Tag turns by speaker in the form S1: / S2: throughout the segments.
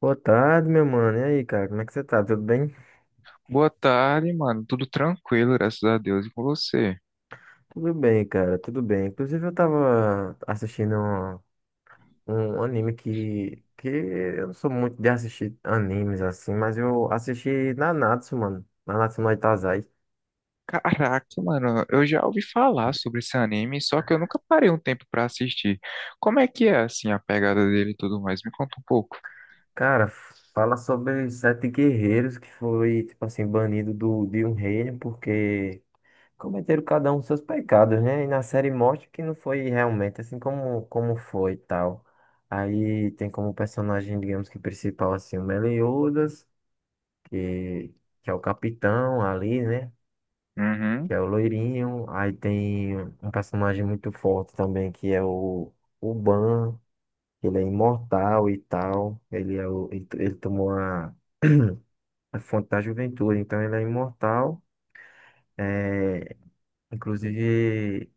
S1: Boa tarde, meu mano. E aí, cara, como é que você tá? Tudo bem?
S2: Boa tarde, mano. Tudo tranquilo, graças a Deus. E com você?
S1: Tudo bem, cara, tudo bem. Inclusive, eu tava assistindo um anime que eu não sou muito de assistir animes assim, mas eu assisti Nanatsu, mano. Nanatsu no Taizai.
S2: Caraca, mano, eu já ouvi falar sobre esse anime, só que eu nunca parei um tempo pra assistir. Como é que é, assim, a pegada dele e tudo mais? Me conta um pouco.
S1: Cara, fala sobre sete guerreiros que foi, tipo assim, banido de um reino porque cometeram cada um seus pecados, né? E na série mostra que não foi realmente assim como foi e tal. Aí tem como personagem, digamos que principal, assim, o Meliodas, que, que é o capitão ali, né?
S2: Uhum.
S1: Que é o loirinho. Aí tem um personagem muito forte também, que é o Ban, que ele é imortal e tal. Ele, é o, ele tomou a fonte da juventude, então ele é imortal. É, inclusive.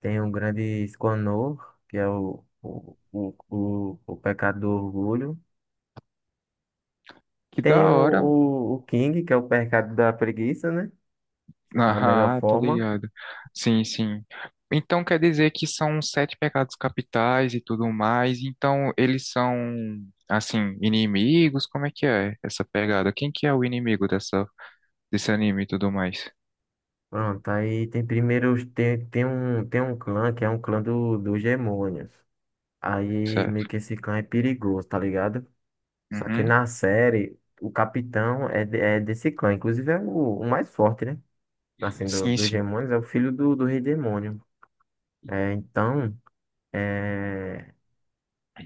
S1: Tem o grande Esconor, que é o pecado do orgulho.
S2: Que da
S1: Tem o,
S2: hora.
S1: o, o King, que é o pecado da preguiça, né? Da melhor
S2: Ah, tô
S1: forma.
S2: ligado. Sim, sim. Então quer dizer que são sete pecados capitais e tudo mais. Então eles são, assim, inimigos? Como é que é essa pegada? Quem que é o inimigo dessa, desse anime e tudo mais?
S1: Pronto, aí tem primeiro, tem um clã, que é um clã dos demônios. Aí
S2: Certo.
S1: meio que esse clã é perigoso, tá ligado? Só que
S2: Uhum.
S1: na série, o capitão é desse clã, inclusive é o mais forte, né? Assim, do,
S2: Sim,
S1: dos
S2: sim.
S1: demônios, é o filho do rei demônio. É, então. É.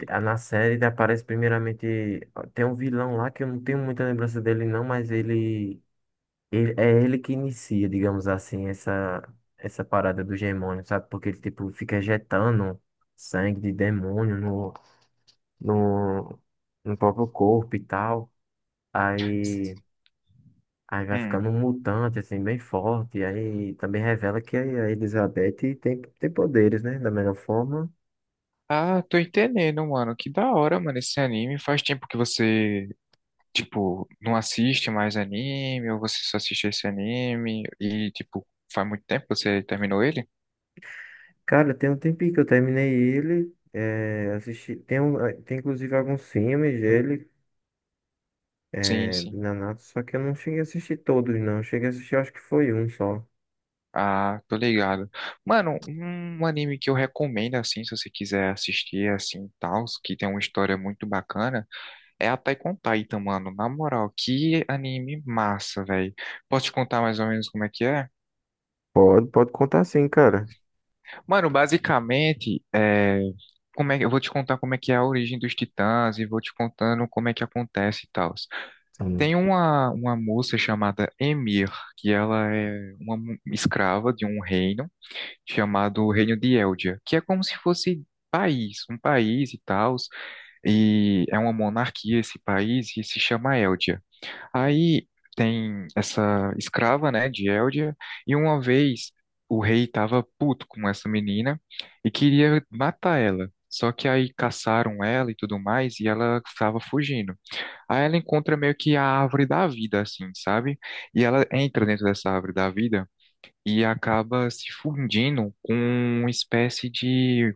S1: Ah, na série ele aparece primeiramente. Tem um vilão lá que eu não tenho muita lembrança dele, não, mas é ele que inicia, digamos assim, essa parada do demônio, sabe? Porque ele tipo, fica injetando sangue de demônio no, no próprio corpo e tal. Aí, aí vai
S2: Hum.
S1: ficando um mutante, assim, bem forte. Aí também revela que a Elizabeth tem poderes, né? Da melhor forma.
S2: Ah, tô entendendo, mano. Que da hora, mano, esse anime. Faz tempo que você, tipo, não assiste mais anime, ou você só assiste esse anime, e, tipo, faz muito tempo que você terminou ele?
S1: Cara, tem um tempinho que eu terminei ele. É, assisti, tem inclusive alguns filmes dele,
S2: Sim,
S1: é, de
S2: sim.
S1: Nanatsu, só que eu não cheguei a assistir todos, não. Eu cheguei a assistir, acho que foi um só.
S2: Ah, tô ligado. Mano, um anime que eu recomendo, assim, se você quiser assistir, assim, tal, que tem uma história muito bacana, é Attack on Titan, mano. Na moral, que anime massa, velho. Posso te contar mais ou menos como é que é?
S1: Pode contar sim, cara.
S2: Mano, basicamente, é, como é que eu vou te contar como é que é a origem dos Titãs e vou te contando como é que acontece e tal.
S1: Sim.
S2: Tem uma moça chamada Emir, que ela é uma escrava de um reino chamado Reino de Eldia, que é como se fosse país, um país e tal, e é uma monarquia esse país e se chama Eldia. Aí tem essa escrava, né, de Eldia, e uma vez o rei estava puto com essa menina e queria matar ela. Só que aí caçaram ela e tudo mais, e ela estava fugindo. Aí ela encontra meio que a árvore da vida, assim, sabe? E ela entra dentro dessa árvore da vida e acaba se fundindo com uma espécie de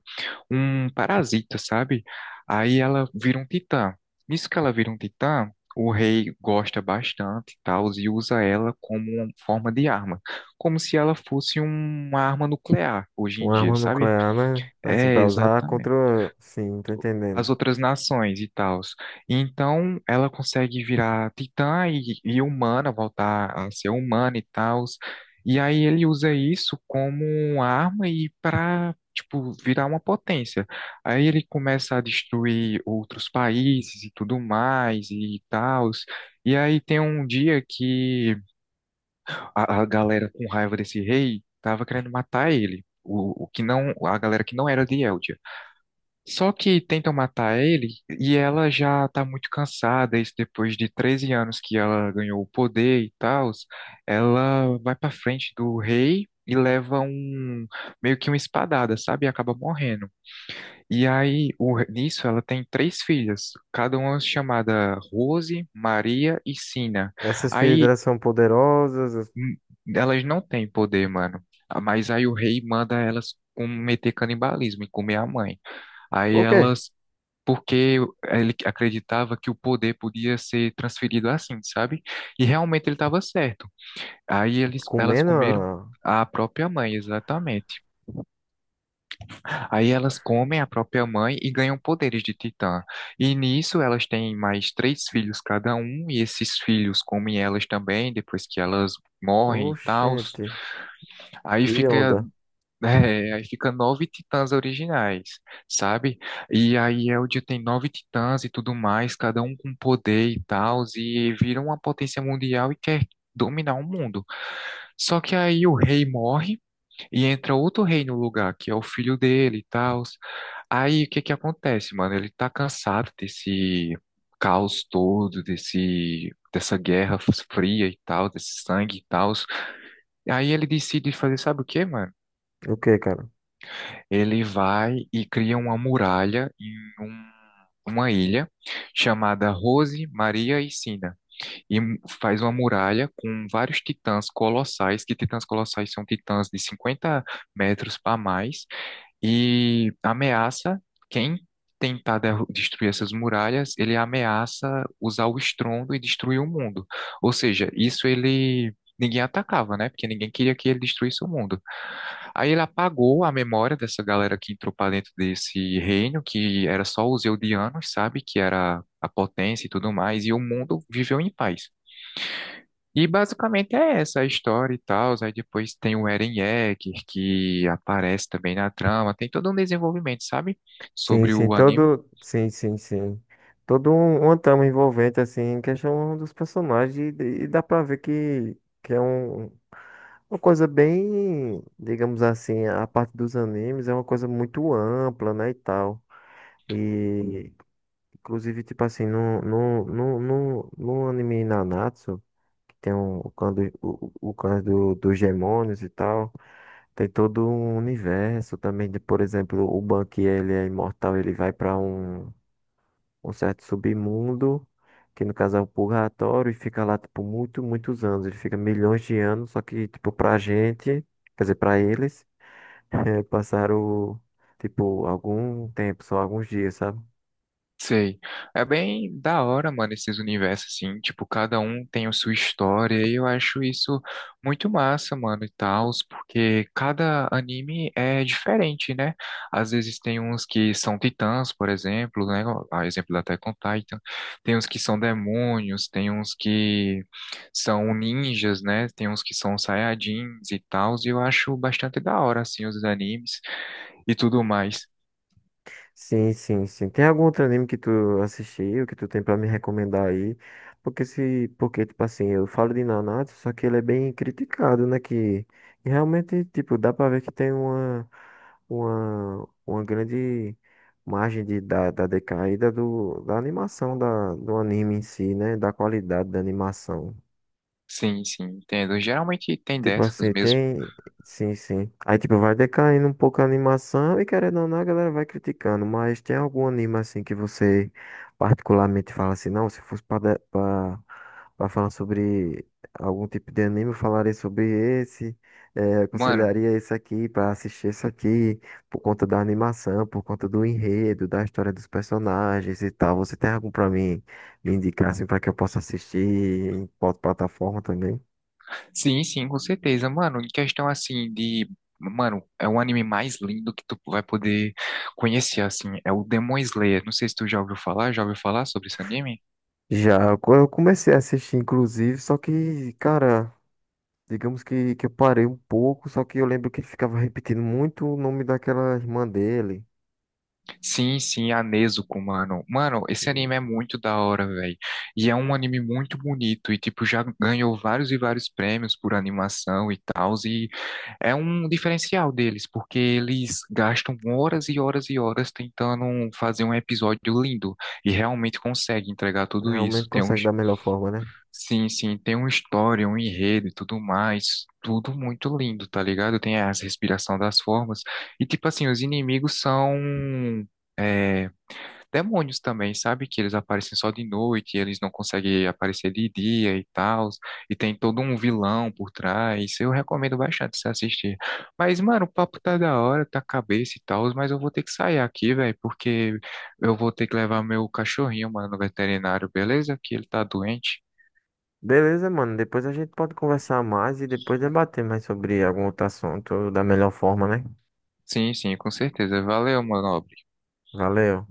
S2: um parasita, sabe? Aí ela vira um titã. Nisso que ela vira um titã, o rei gosta bastante e tal, e usa ela como uma forma de arma, como se ela fosse uma arma nuclear hoje em
S1: Uma
S2: dia,
S1: arma
S2: sabe?
S1: nuclear, né? Assim,
S2: É,
S1: pra usar
S2: exatamente
S1: contra. Sim, tô
S2: as
S1: entendendo.
S2: outras nações e tals. Então, ela consegue virar titã e humana, voltar a ser humana e tals. E aí ele usa isso como arma e para, tipo, virar uma potência. Aí ele começa a destruir outros países e tudo mais e tals. E aí tem um dia que a galera com raiva desse rei tava querendo matar ele. O que não, A galera que não era de Eldia. Só que tentam matar ele e ela já tá muito cansada, isso depois de 13 anos que ela ganhou o poder e tal. Ela vai pra frente do rei e leva um meio que uma espadada, sabe? E acaba morrendo. E aí, nisso, ela tem três filhas, cada uma chamada Rose, Maria e Sina.
S1: Essas filhas
S2: Aí
S1: delas são poderosas.
S2: hum, elas não têm poder, mano. Ah, mas aí o rei manda elas cometer canibalismo e comer a mãe. Aí
S1: O quê?
S2: elas porque ele acreditava que o poder podia ser transferido assim, sabe? E realmente ele estava certo. Aí elas
S1: Comendo?
S2: comeram a própria mãe, exatamente. Aí elas comem a própria mãe e ganham poderes de titã. E nisso elas têm mais três filhos cada um, e esses filhos comem elas também, depois que elas morrem e tal.
S1: Oxente,
S2: Aí
S1: que
S2: fica
S1: onda.
S2: É, aí fica nove titãs originais, sabe? E aí Eldia tem nove titãs e tudo mais, cada um com poder e tal, e vira uma potência mundial e quer dominar o mundo. Só que aí o rei morre e entra outro rei no lugar, que é o filho dele e tal. Aí o que que acontece, mano? Ele tá cansado desse caos todo, desse dessa guerra fria e tal, desse sangue e tal. Aí ele decide fazer, sabe o quê, mano?
S1: O quê, cara?
S2: Ele vai e cria uma muralha em um- uma ilha chamada Rose, Maria e Sina. E faz uma muralha com vários titãs colossais, que titãs colossais são titãs de 50 metros para mais, e ameaça quem tentar destruir essas muralhas, ele ameaça usar o estrondo e destruir o mundo. Ou seja, isso ele ninguém atacava, né? Porque ninguém queria que ele destruísse o mundo. Aí ele apagou a memória dessa galera que entrou para dentro desse reino, que era só os Eldianos, sabe? Que era a potência e tudo mais, e o mundo viveu em paz. E basicamente é essa a história e tal. Aí depois tem o Eren Yeager que aparece também na trama. Tem todo um desenvolvimento, sabe?
S1: Sim,
S2: Sobre
S1: sim,
S2: o anime.
S1: todo. Sim, sim, sim. Todo uma trama envolvente, assim, em questão dos personagens, e dá pra ver que é uma coisa bem, digamos assim, a parte dos animes é uma coisa muito ampla, né, e tal. E, inclusive, tipo assim, no anime Nanatsu, que tem o clã, do, o clã dos demônios e tal, tem todo um universo também, de, por exemplo, o Bank, ele é imortal, ele vai pra um certo submundo, que no caso é o purgatório, e fica lá, tipo, muitos anos. Ele fica milhões de anos, só que, tipo, pra gente, quer dizer, pra eles, passaram, tipo, algum tempo, só alguns dias, sabe?
S2: Sei. É bem da hora, mano, esses universos, assim. Tipo, cada um tem a sua história e eu acho isso muito massa, mano, e tal, porque cada anime é diferente, né? Às vezes tem uns que são titãs, por exemplo, né? A exemplo da Attack on Titan. Tem uns que são demônios, tem uns que são ninjas, né? Tem uns que são saiyajins e tal, e eu acho bastante da hora, assim, os animes e tudo mais.
S1: Sim, sim, sim. Tem algum outro anime que tu assistiu, que tu tem pra me recomendar aí? Porque se, porque tipo assim, eu falo de Nanatsu, só que ele é bem criticado, né? Que e realmente, tipo, dá pra ver que tem uma grande margem da decaída da animação do anime em si, né? Da qualidade da animação.
S2: Sim, sim, entendo. Geralmente tem
S1: Tipo
S2: dessas
S1: assim,
S2: mesmo.
S1: tem. Sim, sim. Aí, tipo, vai decaindo um pouco a animação e querendo ou não, a galera vai criticando. Mas tem algum anime assim que você particularmente fala assim, não, se fosse pra falar sobre algum tipo de anime, eu falaria sobre esse,
S2: Mano,
S1: aconselharia esse aqui pra assistir esse aqui, por conta da animação, por conta do enredo, da história dos personagens e tal. Você tem algum pra mim me indicar assim pra que eu possa assistir em qual plataforma também?
S2: sim, sim, com certeza. Mano, em questão assim de. Mano, é o anime mais lindo que tu vai poder conhecer, assim. É o Demon Slayer. Não sei se tu já ouviu falar sobre esse anime?
S1: Já, eu comecei a assistir, inclusive, só que, cara, digamos que eu parei um pouco, só que eu lembro que ele ficava repetindo muito o nome daquela irmã dele.
S2: Sim, sim, a Nezuko, mano. Mano, esse anime é muito da hora, velho. E é um anime muito bonito. E, tipo, já ganhou vários e vários prêmios por animação e tal. E é um diferencial deles, porque eles gastam horas e horas e horas tentando fazer um episódio lindo e realmente conseguem entregar tudo isso.
S1: Realmente
S2: Tem uns,
S1: consegue da melhor forma, né?
S2: sim, sim, tem uma história, um enredo e tudo mais, tudo muito lindo, tá ligado? Tem as respiração das formas e tipo assim, os inimigos são é, demônios também, sabe? Que eles aparecem só de noite, eles não conseguem aparecer de dia e tal, e tem todo um vilão por trás. Eu recomendo bastante você assistir. Mas, mano, o papo tá da hora, tá cabeça e tal, mas eu vou ter que sair aqui, velho, porque eu vou ter que levar meu cachorrinho, mano, no veterinário, beleza? Que ele tá doente.
S1: Beleza, mano. Depois a gente pode conversar mais e depois debater mais sobre algum outro assunto da melhor forma, né?
S2: Sim, sim, com certeza. Valeu, mano.
S1: Valeu.